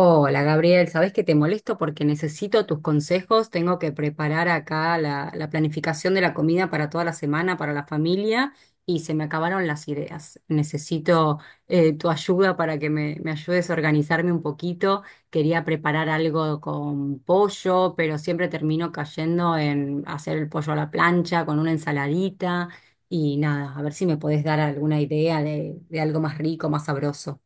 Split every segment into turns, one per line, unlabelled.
Hola Gabriel, sabes que te molesto porque necesito tus consejos. Tengo que preparar acá la planificación de la comida para toda la semana, para la familia, y se me acabaron las ideas. Necesito tu ayuda para que me ayudes a organizarme un poquito. Quería preparar algo con pollo, pero siempre termino cayendo en hacer el pollo a la plancha con una ensaladita y nada, a ver si me podés dar alguna idea de algo más rico, más sabroso.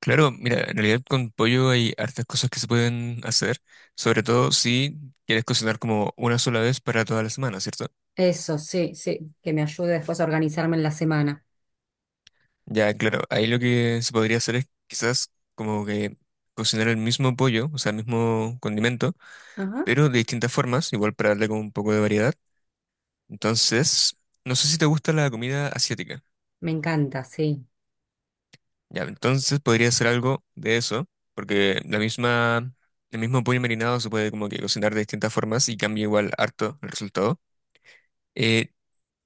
Claro, mira, en realidad con pollo hay hartas cosas que se pueden hacer, sobre todo si quieres cocinar como una sola vez para toda la semana, ¿cierto?
Eso, sí, sí, que me ayude después a organizarme en la semana.
Ya, claro, ahí lo que se podría hacer es quizás como que cocinar el mismo pollo, o sea, el mismo condimento,
Ajá,
pero de distintas formas, igual para darle como un poco de variedad. Entonces, no sé si te gusta la comida asiática.
me encanta, sí,
Ya, entonces podría hacer algo de eso, porque la misma, el mismo pollo marinado se puede como que cocinar de distintas formas y cambia igual harto el resultado. Eh,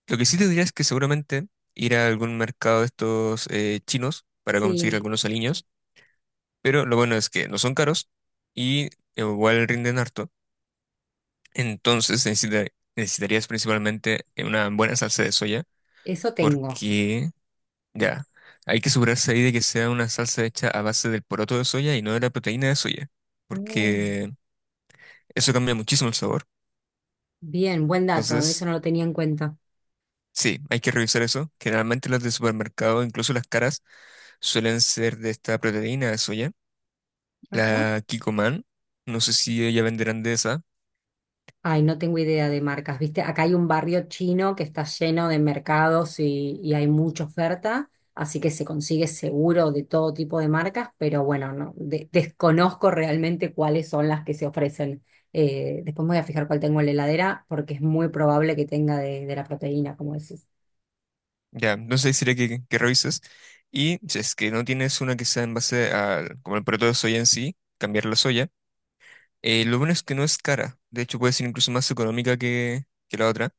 lo que sí te diría es que seguramente ir a algún mercado de estos chinos para conseguir
sí,
algunos aliños, pero lo bueno es que no son caros y igual rinden harto. Entonces necesitarías principalmente una buena salsa de soya
eso tengo.
porque ya, hay que asegurarse ahí de que sea una salsa hecha a base del poroto de soya y no de la proteína de soya,
Ah,
porque eso cambia muchísimo el sabor.
bien, buen dato, eso
Entonces,
no lo tenía en cuenta.
sí, hay que revisar eso. Generalmente las de supermercado, incluso las caras, suelen ser de esta proteína de soya,
Ajá.
la Kikoman. No sé si ella venderán de esa.
Ay, no tengo idea de marcas, ¿viste? Acá hay un barrio chino que está lleno de mercados y hay mucha oferta, así que se consigue seguro de todo tipo de marcas, pero bueno, no, de- desconozco realmente cuáles son las que se ofrecen. Después me voy a fijar cuál tengo en la heladera porque es muy probable que tenga de la proteína, como decís.
Ya, entonces sería que revises. Y si es que no tienes una que sea en base al, como el producto de soya en sí, cambiar la soya. Lo bueno es que no es cara. De hecho, puede ser incluso más económica que la otra.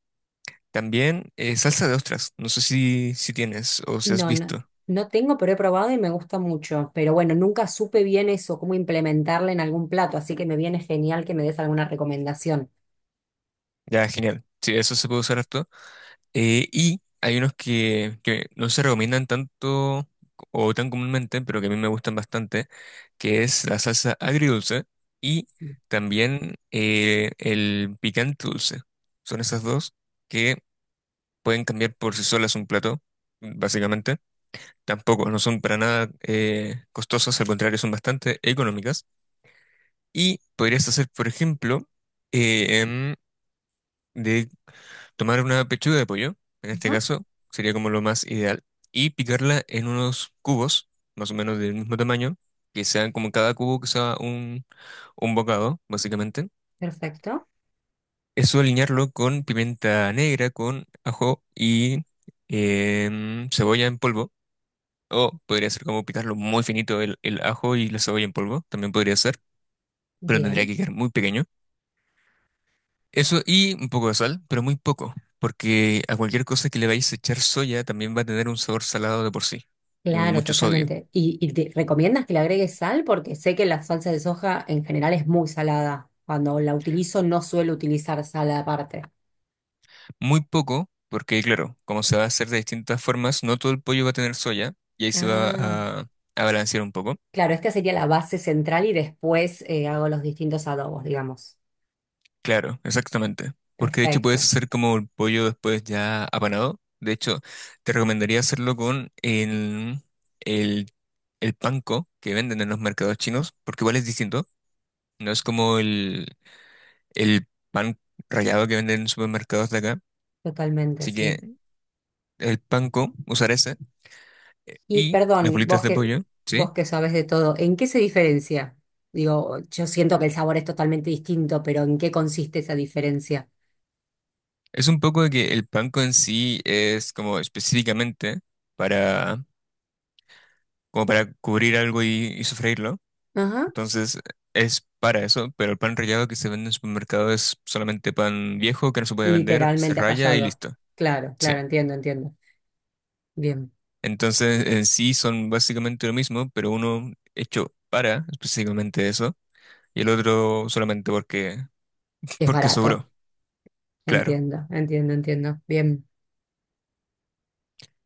También salsa de ostras. No sé si, si tienes o si has
No, no,
visto.
no tengo, pero he probado y me gusta mucho. Pero bueno, nunca supe bien eso, cómo implementarla en algún plato, así que me viene genial que me des alguna recomendación.
Ya, genial. Sí, eso se puede usar harto. Y hay unos que no se recomiendan tanto o tan comúnmente, pero que a mí me gustan bastante, que es la salsa agridulce y
Sí.
también el picante dulce. Son esas dos que pueden cambiar por sí solas un plato, básicamente. Tampoco, no son para nada costosas, al contrario, son bastante económicas. Y podrías hacer, por ejemplo, eh, em, tomar una pechuga de pollo, en este
Ajá.
caso, sería como lo más ideal, y picarla en unos cubos, más o menos del mismo tamaño, que sean como cada cubo que sea un bocado, básicamente.
Perfecto,
Eso alinearlo con pimienta negra, con ajo y cebolla en polvo, o podría ser como picarlo muy finito el ajo y la cebolla en polvo, también podría ser, pero tendría
bien.
que quedar muy pequeño. Eso y un poco de sal, pero muy poco, porque a cualquier cosa que le vayáis a echar soya también va a tener un sabor salado de por sí y
Claro,
mucho sodio.
totalmente. Y te recomiendas que le agregues sal? Porque sé que la salsa de soja en general es muy salada. Cuando la utilizo no suelo utilizar sal aparte.
Muy poco, porque claro, como se va a hacer de distintas formas, no todo el pollo va a tener soya y ahí se va
Ah,
a balancear un poco.
claro, esta sería la base central y después hago los distintos adobos, digamos.
Claro, exactamente. Porque de hecho puedes
Perfecto,
hacer como el pollo después ya apanado. De hecho, te recomendaría hacerlo con el, el panko que venden en los mercados chinos, porque igual es distinto. No es como el pan rallado que venden en supermercados de acá.
totalmente,
Así
sí.
que el panko, usar ese,
Y
y las
perdón,
bolitas
vos
de
que,
pollo, ¿sí?
vos que sabés de todo, ¿en qué se diferencia? Digo, yo siento que el sabor es totalmente distinto, pero ¿en qué consiste esa diferencia?
Es un poco de que el panko en sí es como específicamente para, como para cubrir algo y sofreírlo.
Ajá.
Entonces es para eso, pero el pan rallado que se vende en supermercado es solamente pan viejo que no se puede vender, se
Literalmente
raya y
rallado.
listo.
Claro,
Sí.
claro, entiendo, entiendo. Bien,
Entonces en sí son básicamente lo mismo, pero uno hecho para específicamente eso y el otro solamente porque,
es
porque
barato.
sobró, claro.
Entiendo, entiendo, entiendo. Bien,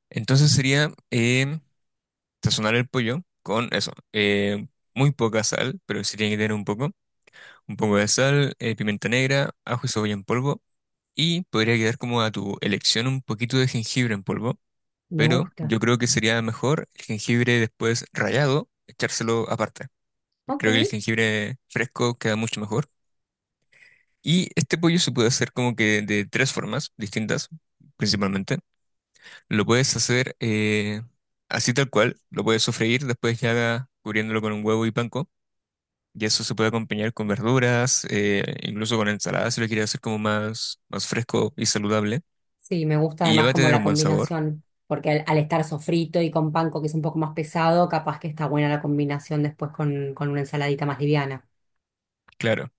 Entonces sería sazonar el pollo con eso, muy poca sal, pero sí tiene que tener un poco de sal, pimienta negra, ajo y cebolla en polvo, y podría quedar como a tu elección un poquito de jengibre en polvo,
me
pero
gusta.
yo creo que sería mejor el jengibre después rallado, echárselo aparte, porque creo que el
Ok.
jengibre fresco queda mucho mejor. Y este pollo se puede hacer como que de tres formas distintas principalmente. Lo puedes hacer así tal cual, lo puedes sofreír, después ya cubriéndolo con un huevo y panko. Y eso se puede acompañar con verduras, incluso con ensalada si lo quieres hacer como más, más fresco y saludable.
Sí, me gusta
Y ya va
además
a
como
tener
la
un buen sabor,
combinación, porque al, al estar sofrito y con panko que es un poco más pesado, capaz que está buena la combinación después con una ensaladita más liviana.
claro.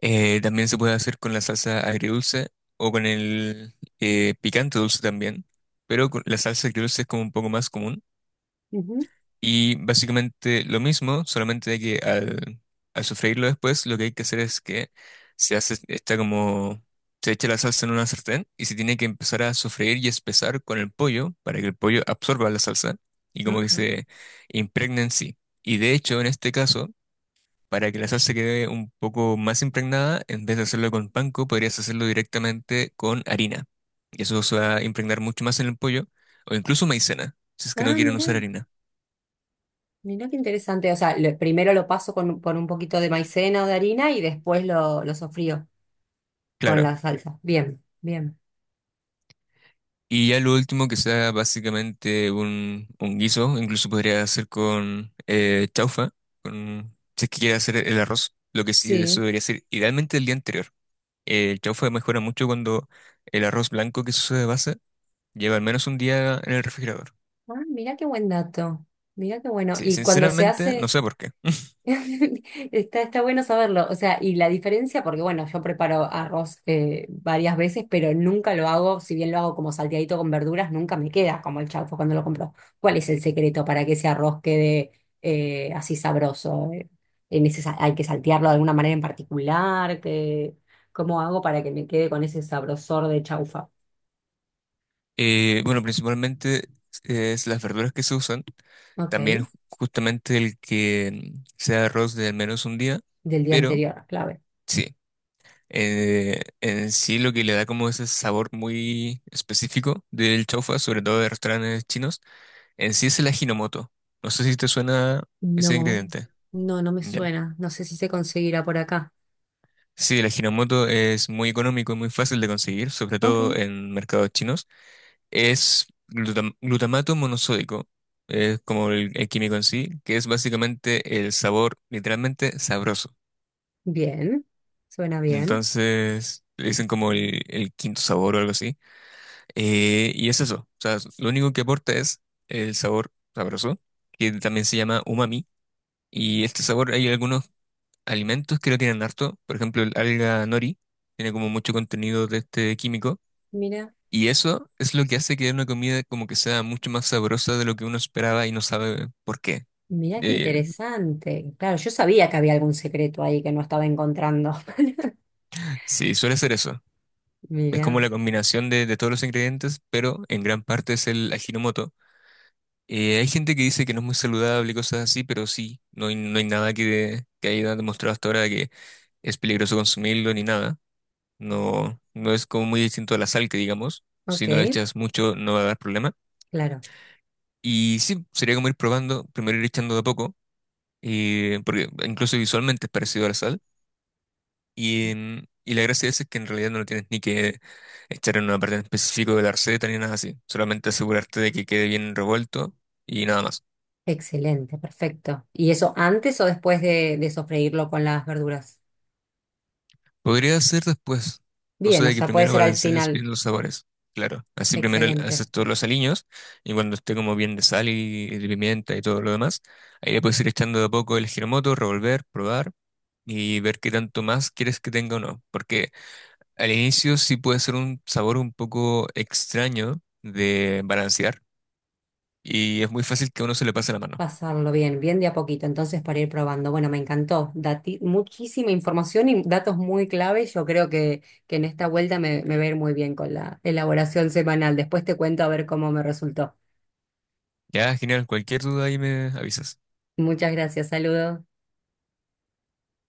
También se puede hacer con la salsa agridulce o con el picante dulce también. Pero con la salsa agridulce es como un poco más común.
Ujú.
Y básicamente lo mismo, solamente de que al sofreírlo después, lo que hay que hacer es que se hace, está como, se echa la salsa en una sartén y se tiene que empezar a sofreír y espesar con el pollo para que el pollo absorba la salsa y como que
Ajá.
se impregne en sí. Y de hecho, en este caso, para que la salsa quede un poco más impregnada, en vez de hacerlo con panko, podrías hacerlo directamente con harina. Y eso se va a impregnar mucho más en el pollo, o incluso maicena, si es que no
Ah,
quieren
mira.
usar harina.
Mirá qué interesante. O sea, lo- primero lo paso con, un- por un poquito de maicena o de harina y después lo sofrío con
Claro.
la salsa. Bien, bien.
Y ya lo último que sea básicamente un guiso, incluso podría hacer con chaufa, con, si es que quiere hacer el arroz, lo que sí, eso
Sí.
debería ser idealmente el día anterior. El chaufa mejora mucho cuando el arroz blanco que se usa de base lleva al menos un día en el refrigerador.
Ah, mirá qué buen dato. Mirá qué bueno.
Sí,
Y cuando se
sinceramente no
hace.
sé por qué.
Está, está bueno saberlo. O sea, y la diferencia, porque bueno, yo preparo arroz varias veces, pero nunca lo hago, si bien lo hago como salteadito con verduras, nunca me queda como el chaufa cuando lo compro. ¿Cuál es el secreto para que ese arroz quede así sabroso? En ese sa- ¿hay que saltearlo de alguna manera en particular? ¿Qué- cómo hago para que me quede con ese sabrosor de chaufa?
Bueno, principalmente es las verduras que se usan,
Ok,
también justamente el que sea arroz de al menos un día,
del día
pero...
anterior, clave.
sí. En sí lo que le da como ese sabor muy específico del chaufa, sobre todo de restaurantes chinos, en sí es el ajinomoto. No sé si te suena ese
No,
ingrediente.
no, no me
Bien,
suena. No sé si se conseguirá por acá.
sí, el ajinomoto es muy económico y muy fácil de conseguir, sobre
Ok.
todo en mercados chinos. Es glutamato monosódico, es como el químico en sí, que es básicamente el sabor literalmente sabroso.
Bien, suena bien.
Entonces, le dicen como el quinto sabor o algo así. Y es eso, o sea, lo único que aporta es el sabor sabroso, que también se llama umami. Y este sabor, hay algunos alimentos que lo tienen harto, por ejemplo, el alga nori, tiene como mucho contenido de este químico.
Mira,
Y eso es lo que hace que una comida como que sea mucho más sabrosa de lo que uno esperaba y no sabe por qué.
mira qué
Eh,
interesante. Claro, yo sabía que había algún secreto ahí que no estaba encontrando.
sí, suele ser eso. Es como
Mira,
la combinación de todos los ingredientes, pero en gran parte es el ajinomoto. Hay gente que dice que no es muy saludable y cosas así, pero sí, no hay nada que haya demostrado hasta ahora que es peligroso consumirlo ni nada. No, no es como muy distinto a la sal que digamos. Si
ok,
no la echas mucho no va a dar problema.
claro.
Y sí, sería como ir probando, primero ir echando de a poco, porque incluso visualmente es parecido a la sal. Y, y la gracia de eso es que en realidad no lo tienes ni que echar en una parte en específico de la receta ni nada así. Solamente asegurarte de que quede bien revuelto y nada más.
Excelente, perfecto. ¿Y eso antes o después de sofreírlo con las verduras?
Podría hacer después, cosa
Bien, o
de que
sea, puede
primero
ser al
balancees
final.
bien los sabores. Claro, así primero le
Excelente.
haces todos los aliños y cuando esté como bien de sal y de pimienta y todo lo demás, ahí le puedes ir echando de a poco el giramoto, revolver, probar y ver qué tanto más quieres que tenga o no. Porque al inicio sí puede ser un sabor un poco extraño de balancear y es muy fácil que a uno se le pase la mano.
Pasarlo bien, bien de a poquito, entonces para ir probando. Bueno, me encantó. Dati- muchísima información y datos muy clave. Yo creo que en esta vuelta me, me va a ir muy bien con la elaboración semanal. Después te cuento a ver cómo me resultó.
Ya, genial, cualquier duda ahí me avisas.
Muchas gracias, saludos.